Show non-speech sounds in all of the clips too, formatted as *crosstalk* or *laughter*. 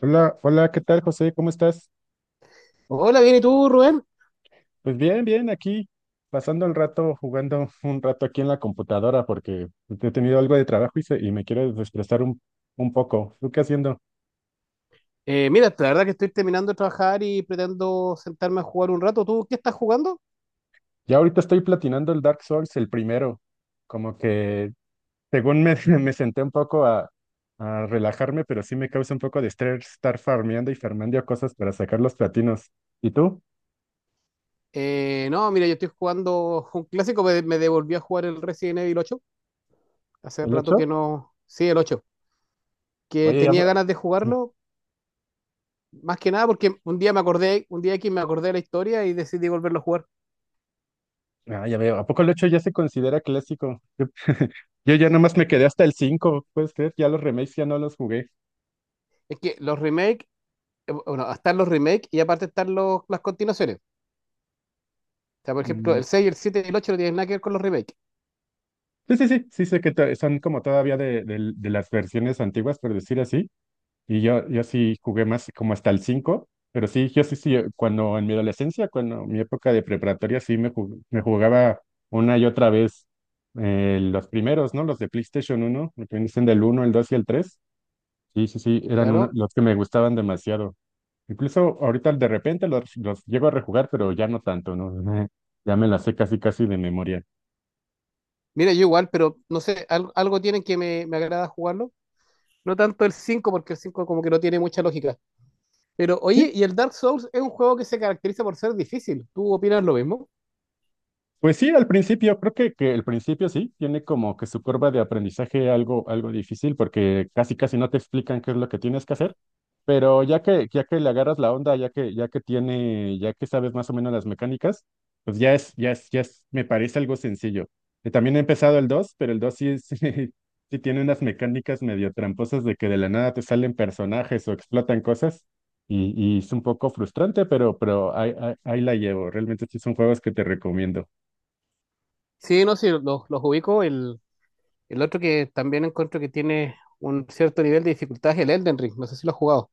Hola, hola, ¿qué tal, José? ¿Cómo estás? Hola, bien, ¿y tú, Rubén? Pues bien, bien, aquí pasando el rato, jugando un rato aquí en la computadora porque he tenido algo de trabajo y, y me quiero desestresar un poco. ¿Tú qué haciendo? Mira, la verdad que estoy terminando de trabajar y pretendo sentarme a jugar un rato. ¿Tú qué estás jugando? Ya ahorita estoy platinando el Dark Souls, el primero. Como que, *laughs* me senté un poco a relajarme, pero sí me causa un poco de estrés estar farmeando y farmeando cosas para sacar los platinos. ¿Y tú? No, mira, yo estoy jugando un clásico, me devolví a jugar el Resident Evil 8. Hace ¿El rato hecho? que no. Sí, el 8. Que Oye, ya, tenía ganas de sí. jugarlo, más que nada porque un día aquí me acordé de la historia y decidí volverlo a jugar. Ah, ya veo. ¿A poco el hecho ya se considera clásico? Yo ya nomás me quedé hasta el cinco, puedes creer, ya los remakes ya no los jugué. Es que los remakes, bueno, están los remakes y aparte están las continuaciones. O sea, por ejemplo, Mm, el 6, el 7 y el 8 no tienen nada que ver con los remakes. sí, sí, sí, sí son como todavía de las versiones antiguas, por decir así, y yo sí jugué más como hasta el cinco, pero sí, yo sí, sí, cuando en mi adolescencia, cuando en mi época de preparatoria, me jugaba una y otra vez los primeros, ¿no? Los de PlayStation uno, lo que dicen, del uno, el 2 y el tres, sí, sí, sí, Claro, los que me gustaban demasiado. Incluso ahorita de repente los llego a rejugar, pero ya no tanto, ¿no? *laughs* Ya me las sé casi casi de memoria. mira, yo igual, pero no sé, algo tienen que me agrada jugarlo. No tanto el 5 porque el 5 como que no tiene mucha lógica. Pero Sí, oye, y el Dark Souls es un juego que se caracteriza por ser difícil. ¿Tú opinas lo mismo? pues sí, al principio, creo que el principio sí, tiene como que su curva de aprendizaje algo difícil porque casi casi no te explican qué es lo que tienes que hacer, pero ya que le agarras la onda, ya que sabes más o menos las mecánicas, pues ya es, me parece algo sencillo. También he empezado el 2, pero el 2 sí, *laughs* sí tiene unas mecánicas medio tramposas de que de la nada te salen personajes o explotan cosas. Y es un poco frustrante, pero ahí la llevo. Realmente sí son juegos que te recomiendo. Sí, no, sí, los ubico. El otro que también encuentro que tiene un cierto nivel de dificultad es el Elden Ring. No sé si lo has jugado.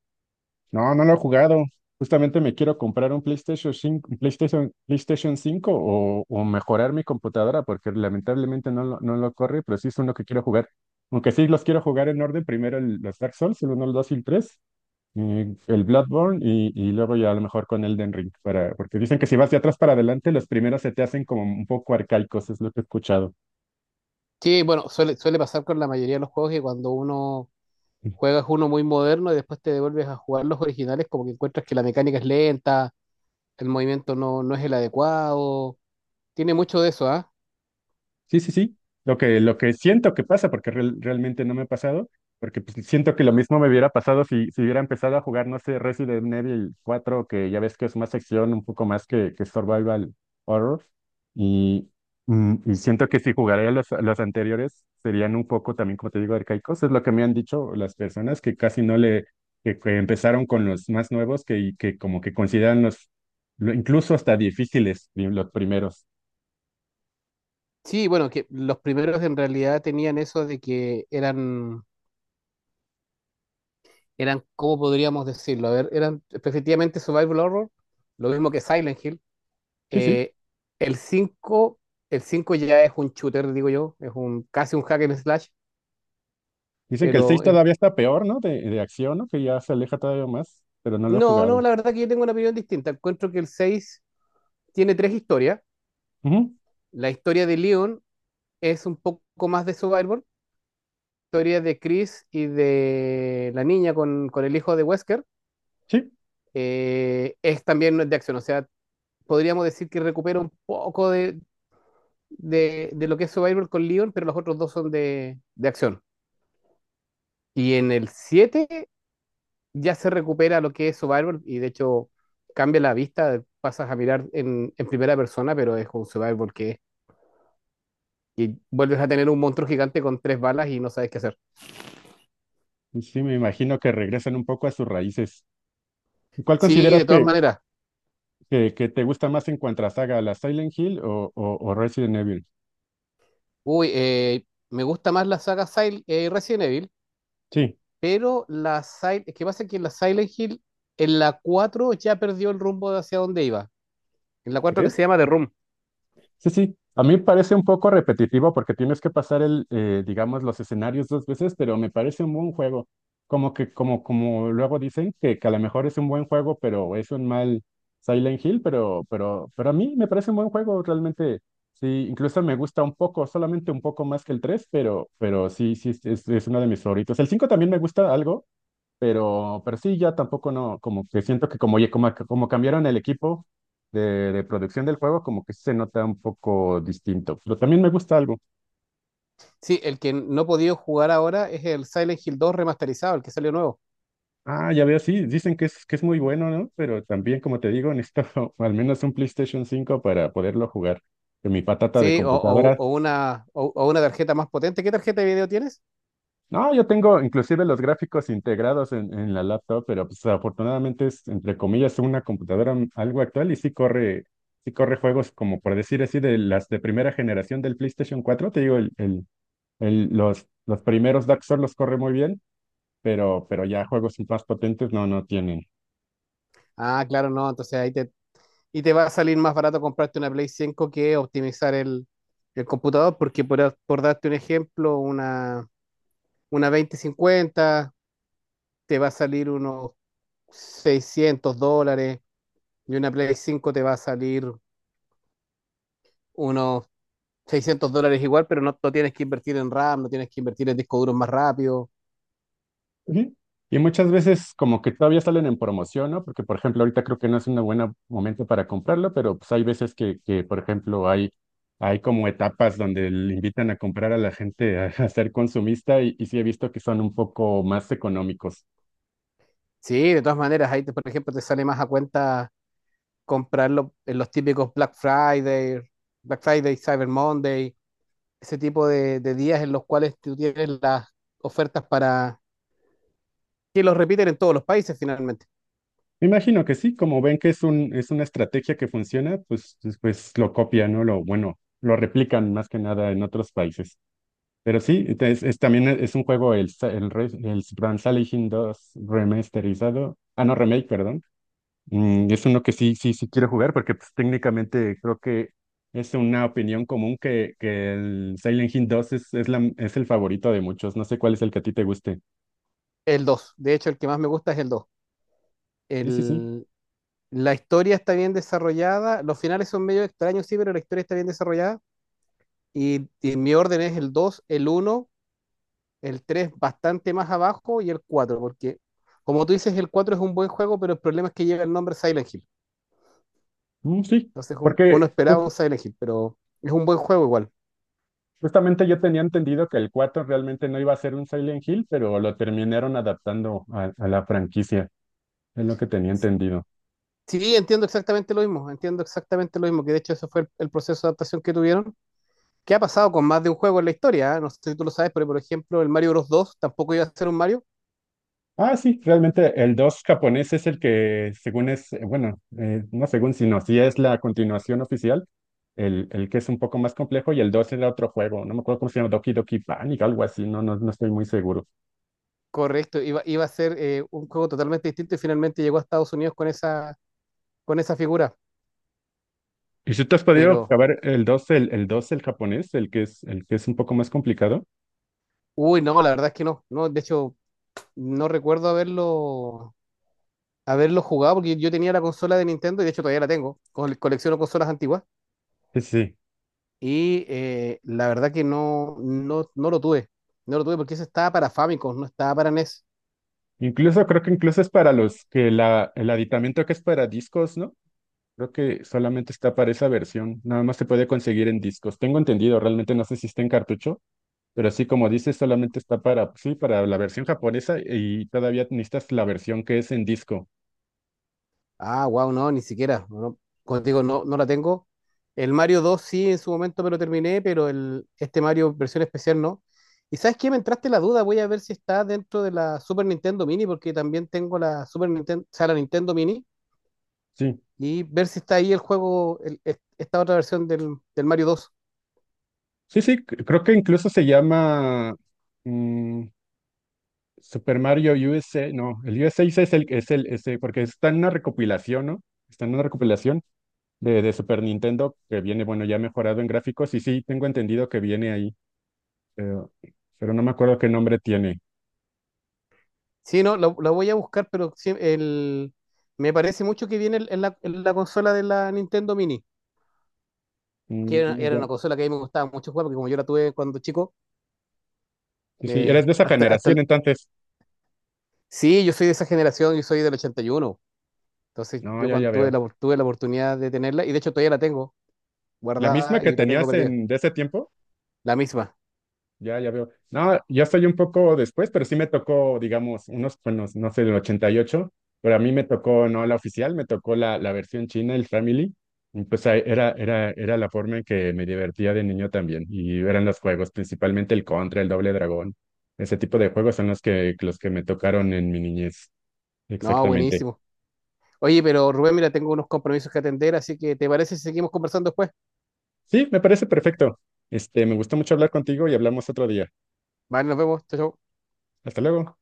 No, no lo he jugado. Justamente me quiero comprar un PlayStation 5, PlayStation 5 o mejorar mi computadora porque lamentablemente no lo corre, pero sí es uno que quiero jugar. Aunque sí los quiero jugar en orden, primero los Dark Souls, el uno, el 2 y el 3 y el Bloodborne y luego ya a lo mejor con Elden Ring, para, porque dicen que si vas de atrás para adelante, los primeros se te hacen como un poco arcaicos, es lo que he escuchado. Sí, bueno, suele pasar con la mayoría de los juegos que cuando uno juegas uno muy moderno y después te devuelves a jugar los originales, como que encuentras que la mecánica es lenta, el movimiento no, no es el adecuado. Tiene mucho de eso, ¿ah? Sí, sí, sí. Lo que siento que pasa, porque realmente no me ha pasado, porque pues, siento que lo mismo me hubiera pasado si hubiera empezado a jugar, no sé, Resident Evil cuatro, que ya ves que es más acción, un poco más que survival horror. Y, y siento que si jugaría los anteriores, serían un poco también, como te digo, arcaicos. Es lo que me han dicho las personas que casi no le, que empezaron con los más nuevos, que, y que como que consideran incluso hasta difíciles, los primeros. Sí, bueno, que los primeros en realidad tenían eso de que eran, ¿cómo podríamos decirlo? A ver, eran efectivamente Survival Horror, lo mismo que Silent Hill. Sí, sí. Eh, el 5 el 5 ya es un shooter, digo yo, es un casi un hack and slash, Dicen que el 6 pero es- todavía está peor, ¿no? De acción, ¿no? Que ya se aleja todavía más, pero no lo he no, jugado. no, la verdad que yo tengo una opinión distinta. Encuentro que el 6 tiene tres historias. Ujú, La historia de Leon es un poco más de Survival. Historia de Chris y de la niña con el hijo de Wesker sí, es también de acción. O sea, podríamos decir que recupera un poco de lo que es Survivor con Leon, pero los otros dos son de acción. Y en el 7 ya se recupera lo que es Survivor y de hecho cambia la vista, pasas a mirar en primera persona, pero es un Survivor que vuelves a tener un monstruo gigante con tres balas y no sabes qué hacer. sí, me imagino que regresan un poco a sus raíces. ¿Cuál Sí, consideras de todas maneras. Que te gusta más en cuanto a saga, la Silent Hill o o Resident Evil? Uy, me gusta más la saga Sil Resident Evil. Sí, Pero es que pasa que la Silent Hill en la 4 ya perdió el rumbo de hacia dónde iba. En la 4 que ¿crees? se llama The Room. Sí, sí. A mí me parece un poco repetitivo porque tienes que pasar digamos, los escenarios dos veces, pero me parece un buen juego. Como luego dicen que a lo mejor es un buen juego, pero es un mal Silent Hill, pero a mí me parece un buen juego, realmente. Sí, incluso me gusta un poco, solamente un poco más que el 3, pero sí, sí, es uno de mis favoritos. El 5 también me gusta algo, pero sí, ya tampoco no, como que siento que como cambiaron el equipo de, de producción del juego, como que se nota un poco distinto. Pero también me gusta algo. Sí, el que no he podido jugar ahora es el Silent Hill dos remasterizado, el que salió nuevo. Ah, ya veo, sí, dicen que es muy bueno, ¿no? Pero también, como te digo, necesito *laughs* al menos un PlayStation 5 para poderlo jugar. Que mi patata de Sí, o, o- computadora. o una, o, o una tarjeta más potente. ¿Qué tarjeta de video tienes? No, yo tengo inclusive los gráficos integrados en la laptop, pero pues afortunadamente es, entre comillas, una computadora algo actual y sí corre juegos, como por decir así, de las de primera generación del PlayStation cuatro, te digo, los primeros Dark Souls los corre muy bien, pero ya juegos más potentes no tienen. Ah, claro, no, entonces y te va a salir más barato comprarte una Play 5 que optimizar el computador, porque por darte un ejemplo, una 2050 te va a salir unos 600 dólares. Y una Play 5 te va a salir unos 600 dólares igual, pero no, no tienes que invertir en RAM, no tienes que invertir en discos duros más rápido. Ujú. Y muchas veces como que todavía salen en promoción, ¿no? Porque, por ejemplo, ahorita creo que no es un buen momento para comprarlo, pero pues hay veces que, por ejemplo, hay como etapas donde le invitan a comprar a la gente a ser consumista y sí he visto que son un poco más económicos. Sí, de todas maneras, ahí, por ejemplo, te sale más a cuenta comprarlo en los típicos Black Friday, Cyber Monday, ese tipo de días en los cuales tú tienes las ofertas para que los repiten en todos los países finalmente. Me imagino que sí, como ven que es es una estrategia que funciona, pues, pues lo copian, ¿no? Lo, bueno, lo replican más que nada en otros países. Pero sí, también es un juego, el, sa- el, re- el Brand Salvation 2 remasterizado, ah, no, remake, perdón. Mm, es uno que sí, sí, sí quiero jugar porque pues, técnicamente creo que es una opinión común que el Silent Hill 2 es el favorito de muchos. No sé cuál es el que a ti te guste. El dos de hecho, el que más me gusta es el dos. Sí, sí, sí. El, la historia está bien desarrollada, los finales son medio extraños, sí, pero la historia está bien desarrollada. Y mi orden es el dos, el uno, el 3 bastante más abajo y el 4 porque como tú dices, el 4 es un buen juego, pero el problema es que llega el nombre Silent Hill. Mm, sí, Entonces uno porque esperaba un Silent Hill, pero es un buen juego igual. justamente yo tenía entendido que el 4 realmente no iba a ser un Silent Hill, pero lo terminaron adaptando a la franquicia. Es lo que tenía entendido. Sí, entiendo exactamente lo mismo, entiendo exactamente lo mismo, que de hecho eso fue el proceso de adaptación que tuvieron. ¿Qué ha pasado con más de un juego en la historia? ¿Eh? No sé si tú lo sabes, pero por ejemplo, el Mario Bros. Dos tampoco iba a ser un Mario. Ah, sí, realmente el 2 japonés es el que, según es, bueno, no según, sino sí es la continuación oficial, el que es un poco más complejo, y el 2 era otro juego, no me acuerdo cómo se llama, Doki Doki Panic, algo así, no, no, no estoy muy seguro. Correcto, iba a ser un juego totalmente distinto y finalmente llegó a Estados Unidos con esa figura. ¿Y si te has podido Pero acabar el dos, el japonés, el que es un poco más complicado? Uy, no, la verdad es que no. No, de hecho, no recuerdo haberlo jugado porque yo tenía la consola de Nintendo y de hecho todavía la tengo. Colecciono consolas antiguas Sí, sí, sí. y la verdad que no, no, no lo tuve. No lo tuve porque eso estaba para Famicom, no estaba para NES. Incluso creo que incluso es para los que la, el aditamento que es para discos, ¿no? Creo que solamente está para esa versión, nada más se puede conseguir en discos. Tengo entendido, realmente no sé si está en cartucho. Pero sí, como dices, solamente está para, sí, para la versión japonesa y todavía necesitas la versión que es en disco. Ah, wow, no, ni siquiera. No, contigo no, no la tengo. El Mario dos sí, en su momento me lo terminé, pero este Mario versión especial no. ¿Y sabes qué? Me entraste la duda, voy a ver si está dentro de la Super Nintendo Mini porque también tengo la Super Nintendo, o sea, la Nintendo Mini Sí, y ver si está ahí el juego, esta otra versión del Mario dos. sí, sí, creo que incluso se llama, mm, Super Mario U USA. No, el U S USA es es el, ese, porque está en una recopilación, ¿no? Está en una recopilación de Super Nintendo, que viene, bueno, ya mejorado en gráficos y sí, tengo entendido que viene ahí, pero, pero no me acuerdo qué nombre tiene. Sí, no, la voy a buscar, pero sí, me parece mucho que viene en la consola de la Nintendo Mini, que Mm, era ya. una consola que a mí me gustaba mucho jugar, porque como yo la tuve cuando chico, Sí, sí, eres me, de esa hasta, hasta generación el- entonces. sí, yo soy de esa generación, yo soy del 81, entonces No, yo ya, cuando ya tuve veo. la, tuve la oportunidad de tenerla, y de hecho todavía la tengo La misma guardada que y la tengo tenías perdida, en, de ese tiempo, la misma. ya, ya veo. No, yo soy un poco después, pero sí me tocó, digamos, unos, bueno, no sé, del 88, pero a mí me tocó no la oficial, me tocó la versión china, el Family. Y pues ahí era, era la forma en que me divertía de niño también. Y eran los juegos, principalmente el Contra, el Doble Dragón. Ese tipo de juegos son los que me tocaron en mi niñez. No, Exactamente. buenísimo. Oye, pero Rubén, mira, tengo unos compromisos que atender, así que ¿te parece si seguimos conversando después? Sí, me parece perfecto. Este, me gustó mucho hablar contigo y hablamos otro día. Vale, nos vemos. Chao, chao. Hasta luego.